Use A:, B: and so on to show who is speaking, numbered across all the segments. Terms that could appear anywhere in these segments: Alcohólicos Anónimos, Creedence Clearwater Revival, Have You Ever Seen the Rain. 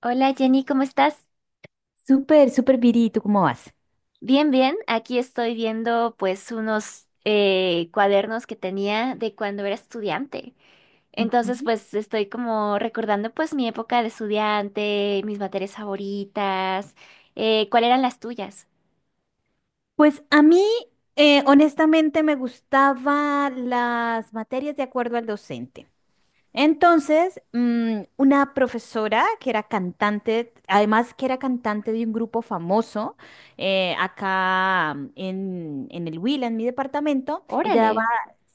A: Hola Jenny, ¿cómo estás?
B: Súper, súper Viri, ¿tú cómo vas?
A: Bien, bien. Aquí estoy viendo pues unos cuadernos que tenía de cuando era estudiante. Entonces
B: Ujú.
A: pues estoy como recordando pues mi época de estudiante, mis materias favoritas, ¿cuáles eran las tuyas?
B: Pues a mí, honestamente, me gustaban las materias de acuerdo al docente. Entonces, una profesora que era cantante, además que era cantante de un grupo famoso, acá, en el Huila, en mi departamento, ella
A: Órale.
B: daba,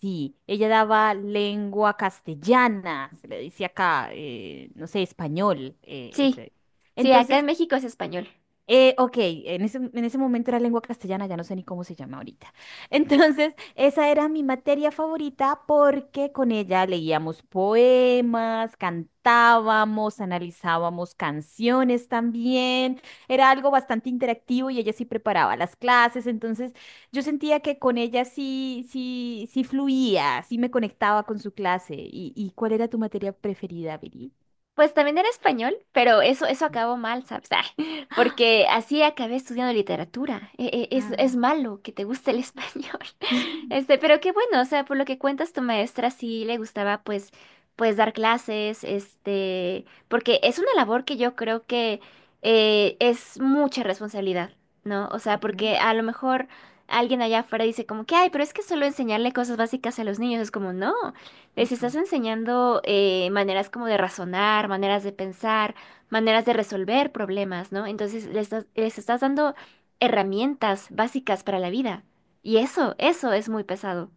B: sí, ella daba lengua castellana, se le dice acá, no sé, español, eh,
A: Sí,
B: ese.
A: sí, acá en
B: Entonces,
A: México es español.
B: Ok, en ese momento era lengua castellana, ya no sé ni cómo se llama ahorita. Entonces, esa era mi materia favorita porque con ella leíamos poemas, cantábamos, analizábamos canciones también. Era algo bastante interactivo y ella sí preparaba las clases. Entonces, yo sentía que con ella sí fluía, sí me conectaba con su clase. ¿Y cuál era tu materia preferida, Viri?
A: Pues también era español, pero eso acabó mal, ¿sabes? Ah, porque así acabé estudiando literatura. Es
B: Ah,
A: malo que te guste el español. Este, pero qué bueno, o sea, por lo que cuentas, tu maestra sí le gustaba, pues, pues dar clases, este, porque es una labor que yo creo que es mucha responsabilidad, ¿no? O sea,
B: ujú,
A: porque a lo mejor alguien allá afuera dice como que, ay, pero es que solo enseñarle cosas básicas a los niños es como, no. Les estás
B: ujú.
A: enseñando maneras como de razonar, maneras de pensar, maneras de resolver problemas, ¿no? Entonces les estás dando herramientas básicas para la vida. Y eso es muy pesado.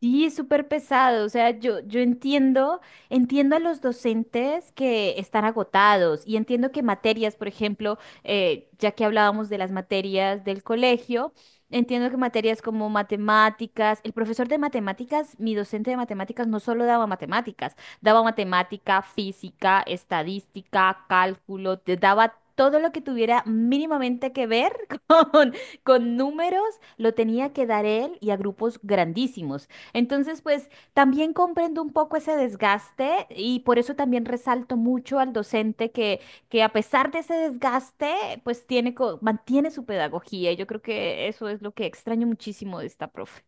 B: Sí, es súper pesado. O sea, yo entiendo, entiendo a los docentes que están agotados y entiendo que materias, por ejemplo, ya que hablábamos de las materias del colegio, entiendo que materias como matemáticas, el profesor de matemáticas, mi docente de matemáticas no solo daba matemáticas, daba matemática, física, estadística, cálculo, te daba todo lo que tuviera mínimamente que ver con, con números, lo tenía que dar él y a grupos grandísimos. Entonces, pues también comprendo un poco ese desgaste y por eso también resalto mucho al docente que a pesar de ese desgaste, pues tiene, mantiene su pedagogía. Yo creo que eso es lo que extraño muchísimo de esta profe.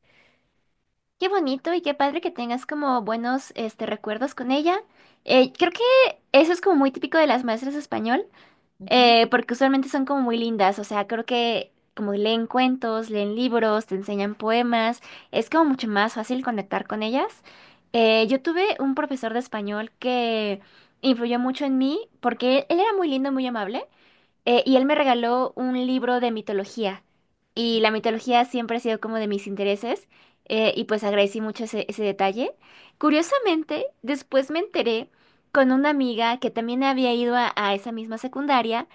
A: Qué bonito y qué padre que tengas como buenos este, recuerdos con ella. Creo que eso es como muy típico de las maestras de español.
B: Ujú.
A: Porque usualmente son como muy lindas, o sea, creo que como leen cuentos, leen libros, te enseñan poemas, es como mucho más fácil conectar con ellas. Yo tuve un profesor de español que influyó mucho en mí porque él era muy lindo, muy amable, y él me regaló un libro de mitología. Y la mitología siempre ha sido como de mis intereses, y pues agradecí mucho ese, ese detalle. Curiosamente, después me enteré con una amiga que también había ido a esa misma secundaria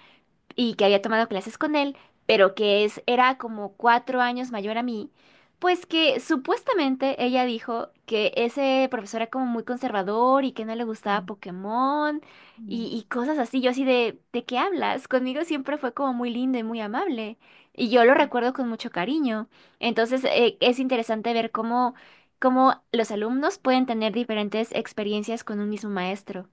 A: y que había tomado clases con él, pero que es, era como 4 años mayor a mí, pues que supuestamente ella dijo que ese profesor era como muy conservador y que no le gustaba
B: Mm,
A: Pokémon
B: mm.
A: y cosas así. Yo así ¿de qué hablas? Conmigo siempre fue como muy lindo y muy amable. Y yo lo recuerdo con mucho cariño. Entonces, es interesante ver cómo, cómo los alumnos pueden tener diferentes experiencias con un mismo maestro.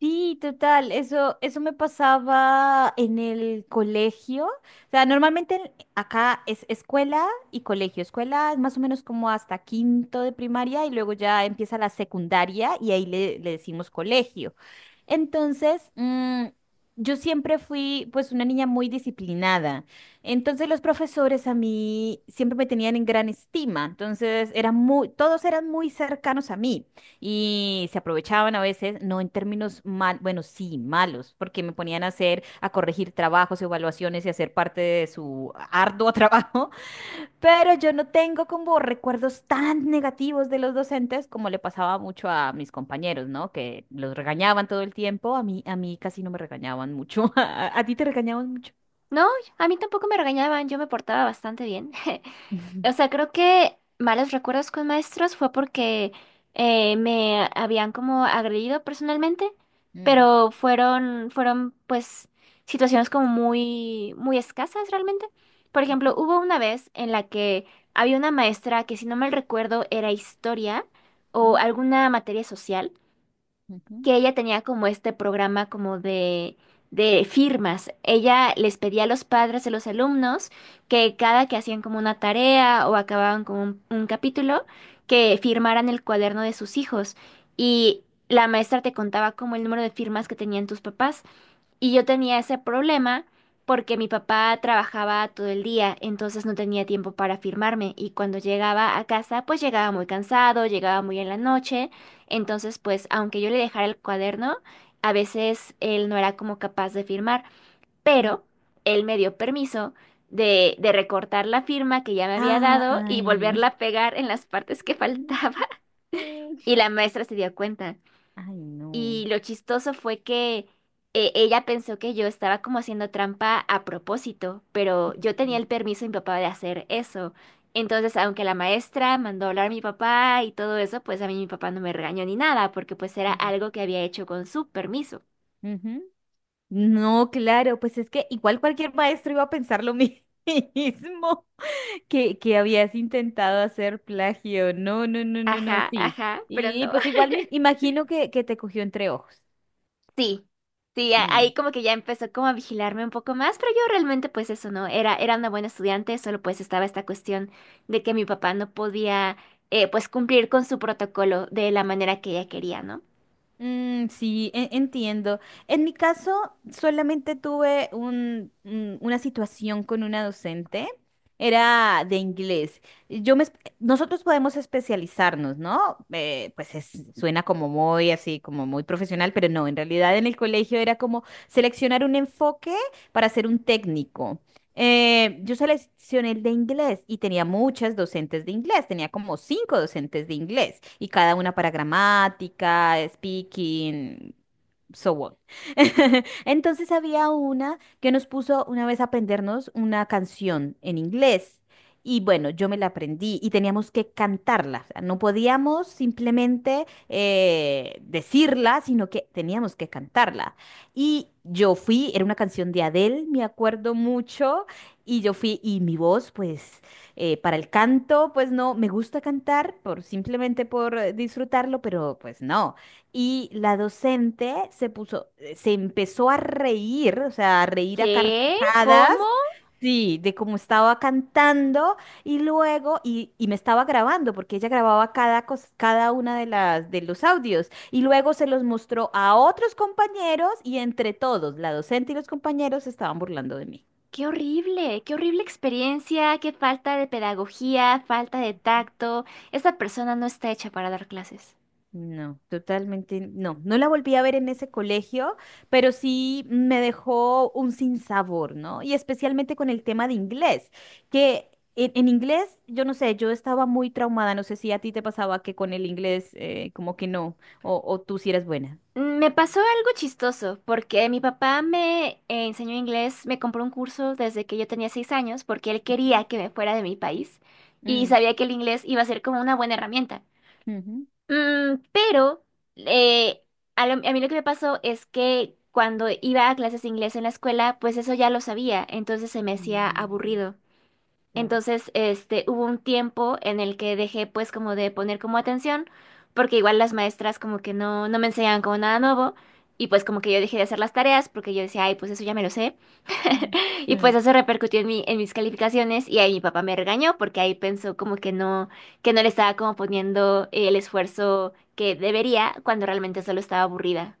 B: Sí, total, eso me pasaba en el colegio. O sea, normalmente acá es escuela y colegio. Escuela es más o menos como hasta quinto de primaria y luego ya empieza la secundaria y ahí le decimos colegio. Entonces, mm, yo siempre fui pues una niña muy disciplinada. Entonces los profesores a mí siempre me tenían en gran estima. Entonces, todos eran muy cercanos a mí. Y se aprovechaban a veces, no en términos mal, bueno, sí, malos, porque me ponían a hacer, a corregir trabajos, evaluaciones y hacer parte de su arduo trabajo, pero yo no tengo como recuerdos tan negativos de los docentes como le pasaba mucho a mis compañeros, ¿no? Que los regañaban todo el tiempo, a mí casi no me regañaban mucho, a ti te regañaban mucho.
A: No, a mí tampoco me regañaban, yo me portaba bastante bien. O sea, creo que malos recuerdos con maestros fue porque me habían como agredido personalmente,
B: Ujú.
A: pero fueron, fueron pues situaciones como muy, muy escasas realmente. Por ejemplo, hubo una vez en la que había una maestra que si no mal recuerdo era historia
B: Mm,
A: o
B: ujú,
A: alguna materia social,
B: ujú,
A: que ella tenía como este programa como de firmas. Ella les pedía a los padres de los alumnos que cada que hacían como una tarea o acababan con un capítulo, que firmaran el cuaderno de sus hijos. Y la maestra te contaba como el número de firmas que tenían tus papás. Y yo tenía ese problema porque mi papá trabajaba todo el día, entonces no tenía tiempo para firmarme y cuando llegaba a casa pues llegaba muy cansado, llegaba muy en la noche, entonces pues aunque yo le dejara el cuaderno, a veces él no era como capaz de firmar,
B: ujú, mm.
A: pero él me dio permiso de recortar la firma que ya me había dado y volverla
B: Ay.
A: a pegar en las partes que faltaba, y la maestra se dio cuenta.
B: Ay, no.
A: Y lo chistoso fue que ella pensó que yo estaba como haciendo trampa a propósito, pero yo tenía el permiso de mi papá de hacer eso. Entonces, aunque la maestra mandó a hablar a mi papá y todo eso, pues a mí mi papá no me regañó ni nada, porque pues era algo que había hecho con su permiso.
B: Ujú. No, claro, pues es que igual cualquier maestro iba a pensar lo mismo que habías intentado hacer plagio. No, no, no, no, no,
A: Ajá,
B: sí.
A: ajá, pero
B: Y
A: no.
B: pues igual me imagino que te cogió entre ojos.
A: Sí, sí,
B: Mm.
A: ahí como que ya empezó como a vigilarme un poco más, pero yo realmente pues eso no, era, era una buena estudiante, solo pues estaba esta cuestión de que mi papá no podía, pues, cumplir con su protocolo de la manera que ella quería, ¿no?
B: Mm, sí, entiendo. En mi caso, solamente tuve una situación con una docente. Era de inglés. Nosotros podemos especializarnos, ¿no? Pues suena como muy así, como muy profesional, pero no, en realidad en el colegio era como seleccionar un enfoque para ser un técnico. Yo seleccioné el de inglés y tenía muchas docentes de inglés, tenía como cinco docentes de inglés y cada una para gramática, speaking so what. Entonces había una que nos puso una vez a aprendernos una canción en inglés. Y bueno, yo me la aprendí y teníamos que cantarla. O sea, no podíamos simplemente decirla, sino que teníamos que cantarla. Y yo fui, era una canción de Adele, me acuerdo mucho. Y yo fui, y mi voz, pues, para el canto, pues no, me gusta cantar por simplemente por disfrutarlo, pero pues no. Y la docente se puso, se empezó a reír, o sea, a reír a
A: ¿Qué?
B: carcajadas,
A: ¿Cómo?
B: sí, de cómo estaba cantando y luego, y me estaba grabando, porque ella grababa cada una de de los audios, y luego se los mostró a otros compañeros y entre todos, la docente y los compañeros se estaban burlando de mí.
A: Qué horrible experiencia, qué falta de pedagogía, falta de tacto. Esa persona no está hecha para dar clases.
B: No, totalmente no. No la volví a ver en ese colegio, pero sí me dejó un sinsabor, ¿no? Y especialmente con el tema de inglés, que en inglés, yo no sé, yo estaba muy traumada, no sé si a ti te pasaba que con el inglés como que no, o tú sí eres buena.
A: Me pasó algo chistoso, porque mi papá me enseñó inglés, me compró un curso desde que yo tenía 6 años, porque él quería
B: Ujú.
A: que me fuera de mi país y
B: Mm,
A: sabía que el inglés iba a ser como una buena herramienta.
B: ujú.
A: Mm, pero eh, a mí lo que me pasó es que cuando iba a clases de inglés en la escuela, pues eso ya lo sabía, entonces se me hacía
B: Mm,
A: aburrido.
B: claro.
A: Entonces, este, hubo un tiempo en el que dejé pues como de poner como atención, porque igual las maestras como que no, no me enseñaban como nada nuevo, y pues como que yo dejé de hacer las tareas, porque yo decía, ay, pues eso ya me lo sé,
B: Mm,
A: y pues
B: mm.
A: eso repercutió en mi, en mis calificaciones, y ahí mi papá me regañó, porque ahí pensó como que no le estaba como poniendo el esfuerzo que debería, cuando realmente solo estaba aburrida.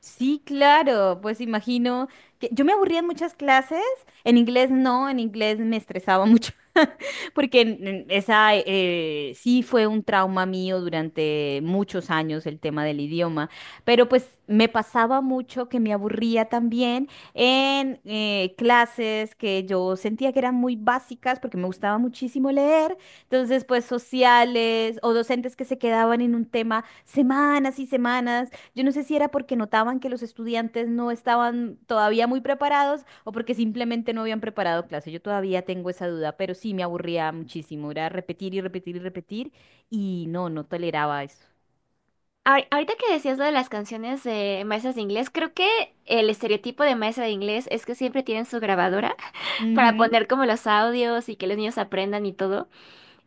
B: Sí, claro, pues imagino que yo me aburría en muchas clases, en inglés no, en inglés me estresaba mucho, porque en esa sí fue un trauma mío durante muchos años el tema del idioma, pero pues me pasaba mucho que me aburría también en clases que yo sentía que eran muy básicas porque me gustaba muchísimo leer, entonces pues sociales o docentes que se quedaban en un tema semanas y semanas. Yo no sé si era porque notaban que los estudiantes no estaban todavía muy preparados o porque simplemente no habían preparado clase. Yo todavía tengo esa duda, pero sí me aburría muchísimo. Era repetir y repetir y repetir y no, no toleraba eso.
A: Ahorita que decías lo de las canciones de maestras de inglés, creo que el estereotipo de maestra de inglés es que siempre tienen su grabadora para
B: Ujú,
A: poner como los audios y que los niños aprendan y todo.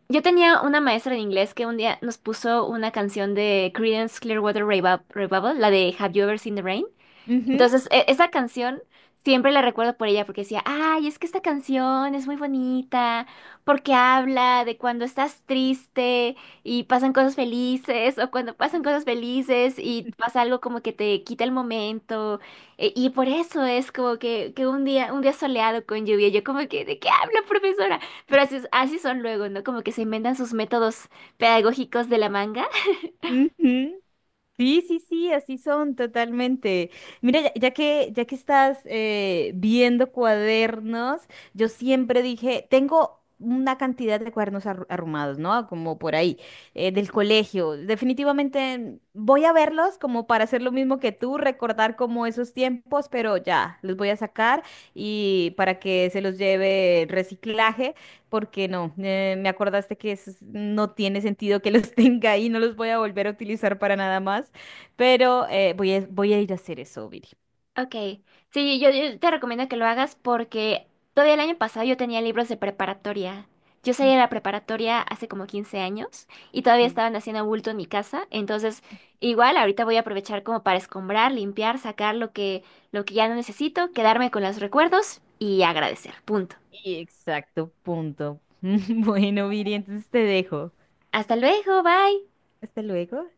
A: Yo tenía una maestra de inglés que un día nos puso una canción de Creedence Clearwater Revival, la de Have You Ever Seen the Rain?
B: Ujú.
A: Entonces, esa canción siempre la recuerdo por ella porque decía, ay, es que esta canción es muy bonita porque habla de cuando estás triste y pasan cosas felices, o cuando pasan cosas felices y pasa algo como que te quita el momento. Y por eso es como que un día soleado con lluvia, yo como que, ¿de qué habla, profesora? Pero así, así son luego, ¿no? Como que se inventan sus métodos pedagógicos de la manga.
B: Ujú. Sí, sí, sí, así son totalmente. Mira, ya que estás viendo cuadernos, yo siempre dije, tengo una cantidad de cuadernos arrumados, ¿no? Como por ahí, del colegio. Definitivamente voy a verlos como para hacer lo mismo que tú, recordar como esos tiempos, pero ya, los voy a sacar y para que se los lleve el reciclaje porque no, me acordaste que no tiene sentido que los tenga ahí, no los voy a volver a utilizar para nada más, pero voy a ir a hacer eso, Viri.
A: Ok, sí, yo te recomiendo que lo hagas porque todavía el año pasado yo tenía libros de preparatoria. Yo salí de la preparatoria hace como 15 años y todavía
B: Sí.
A: estaban haciendo bulto en mi casa. Entonces, igual ahorita voy a aprovechar como para escombrar, limpiar, sacar lo que ya no necesito, quedarme con los recuerdos y agradecer. Punto.
B: Exacto, punto. Bueno, Viri, entonces te dejo.
A: Hasta luego, bye.
B: Hasta luego.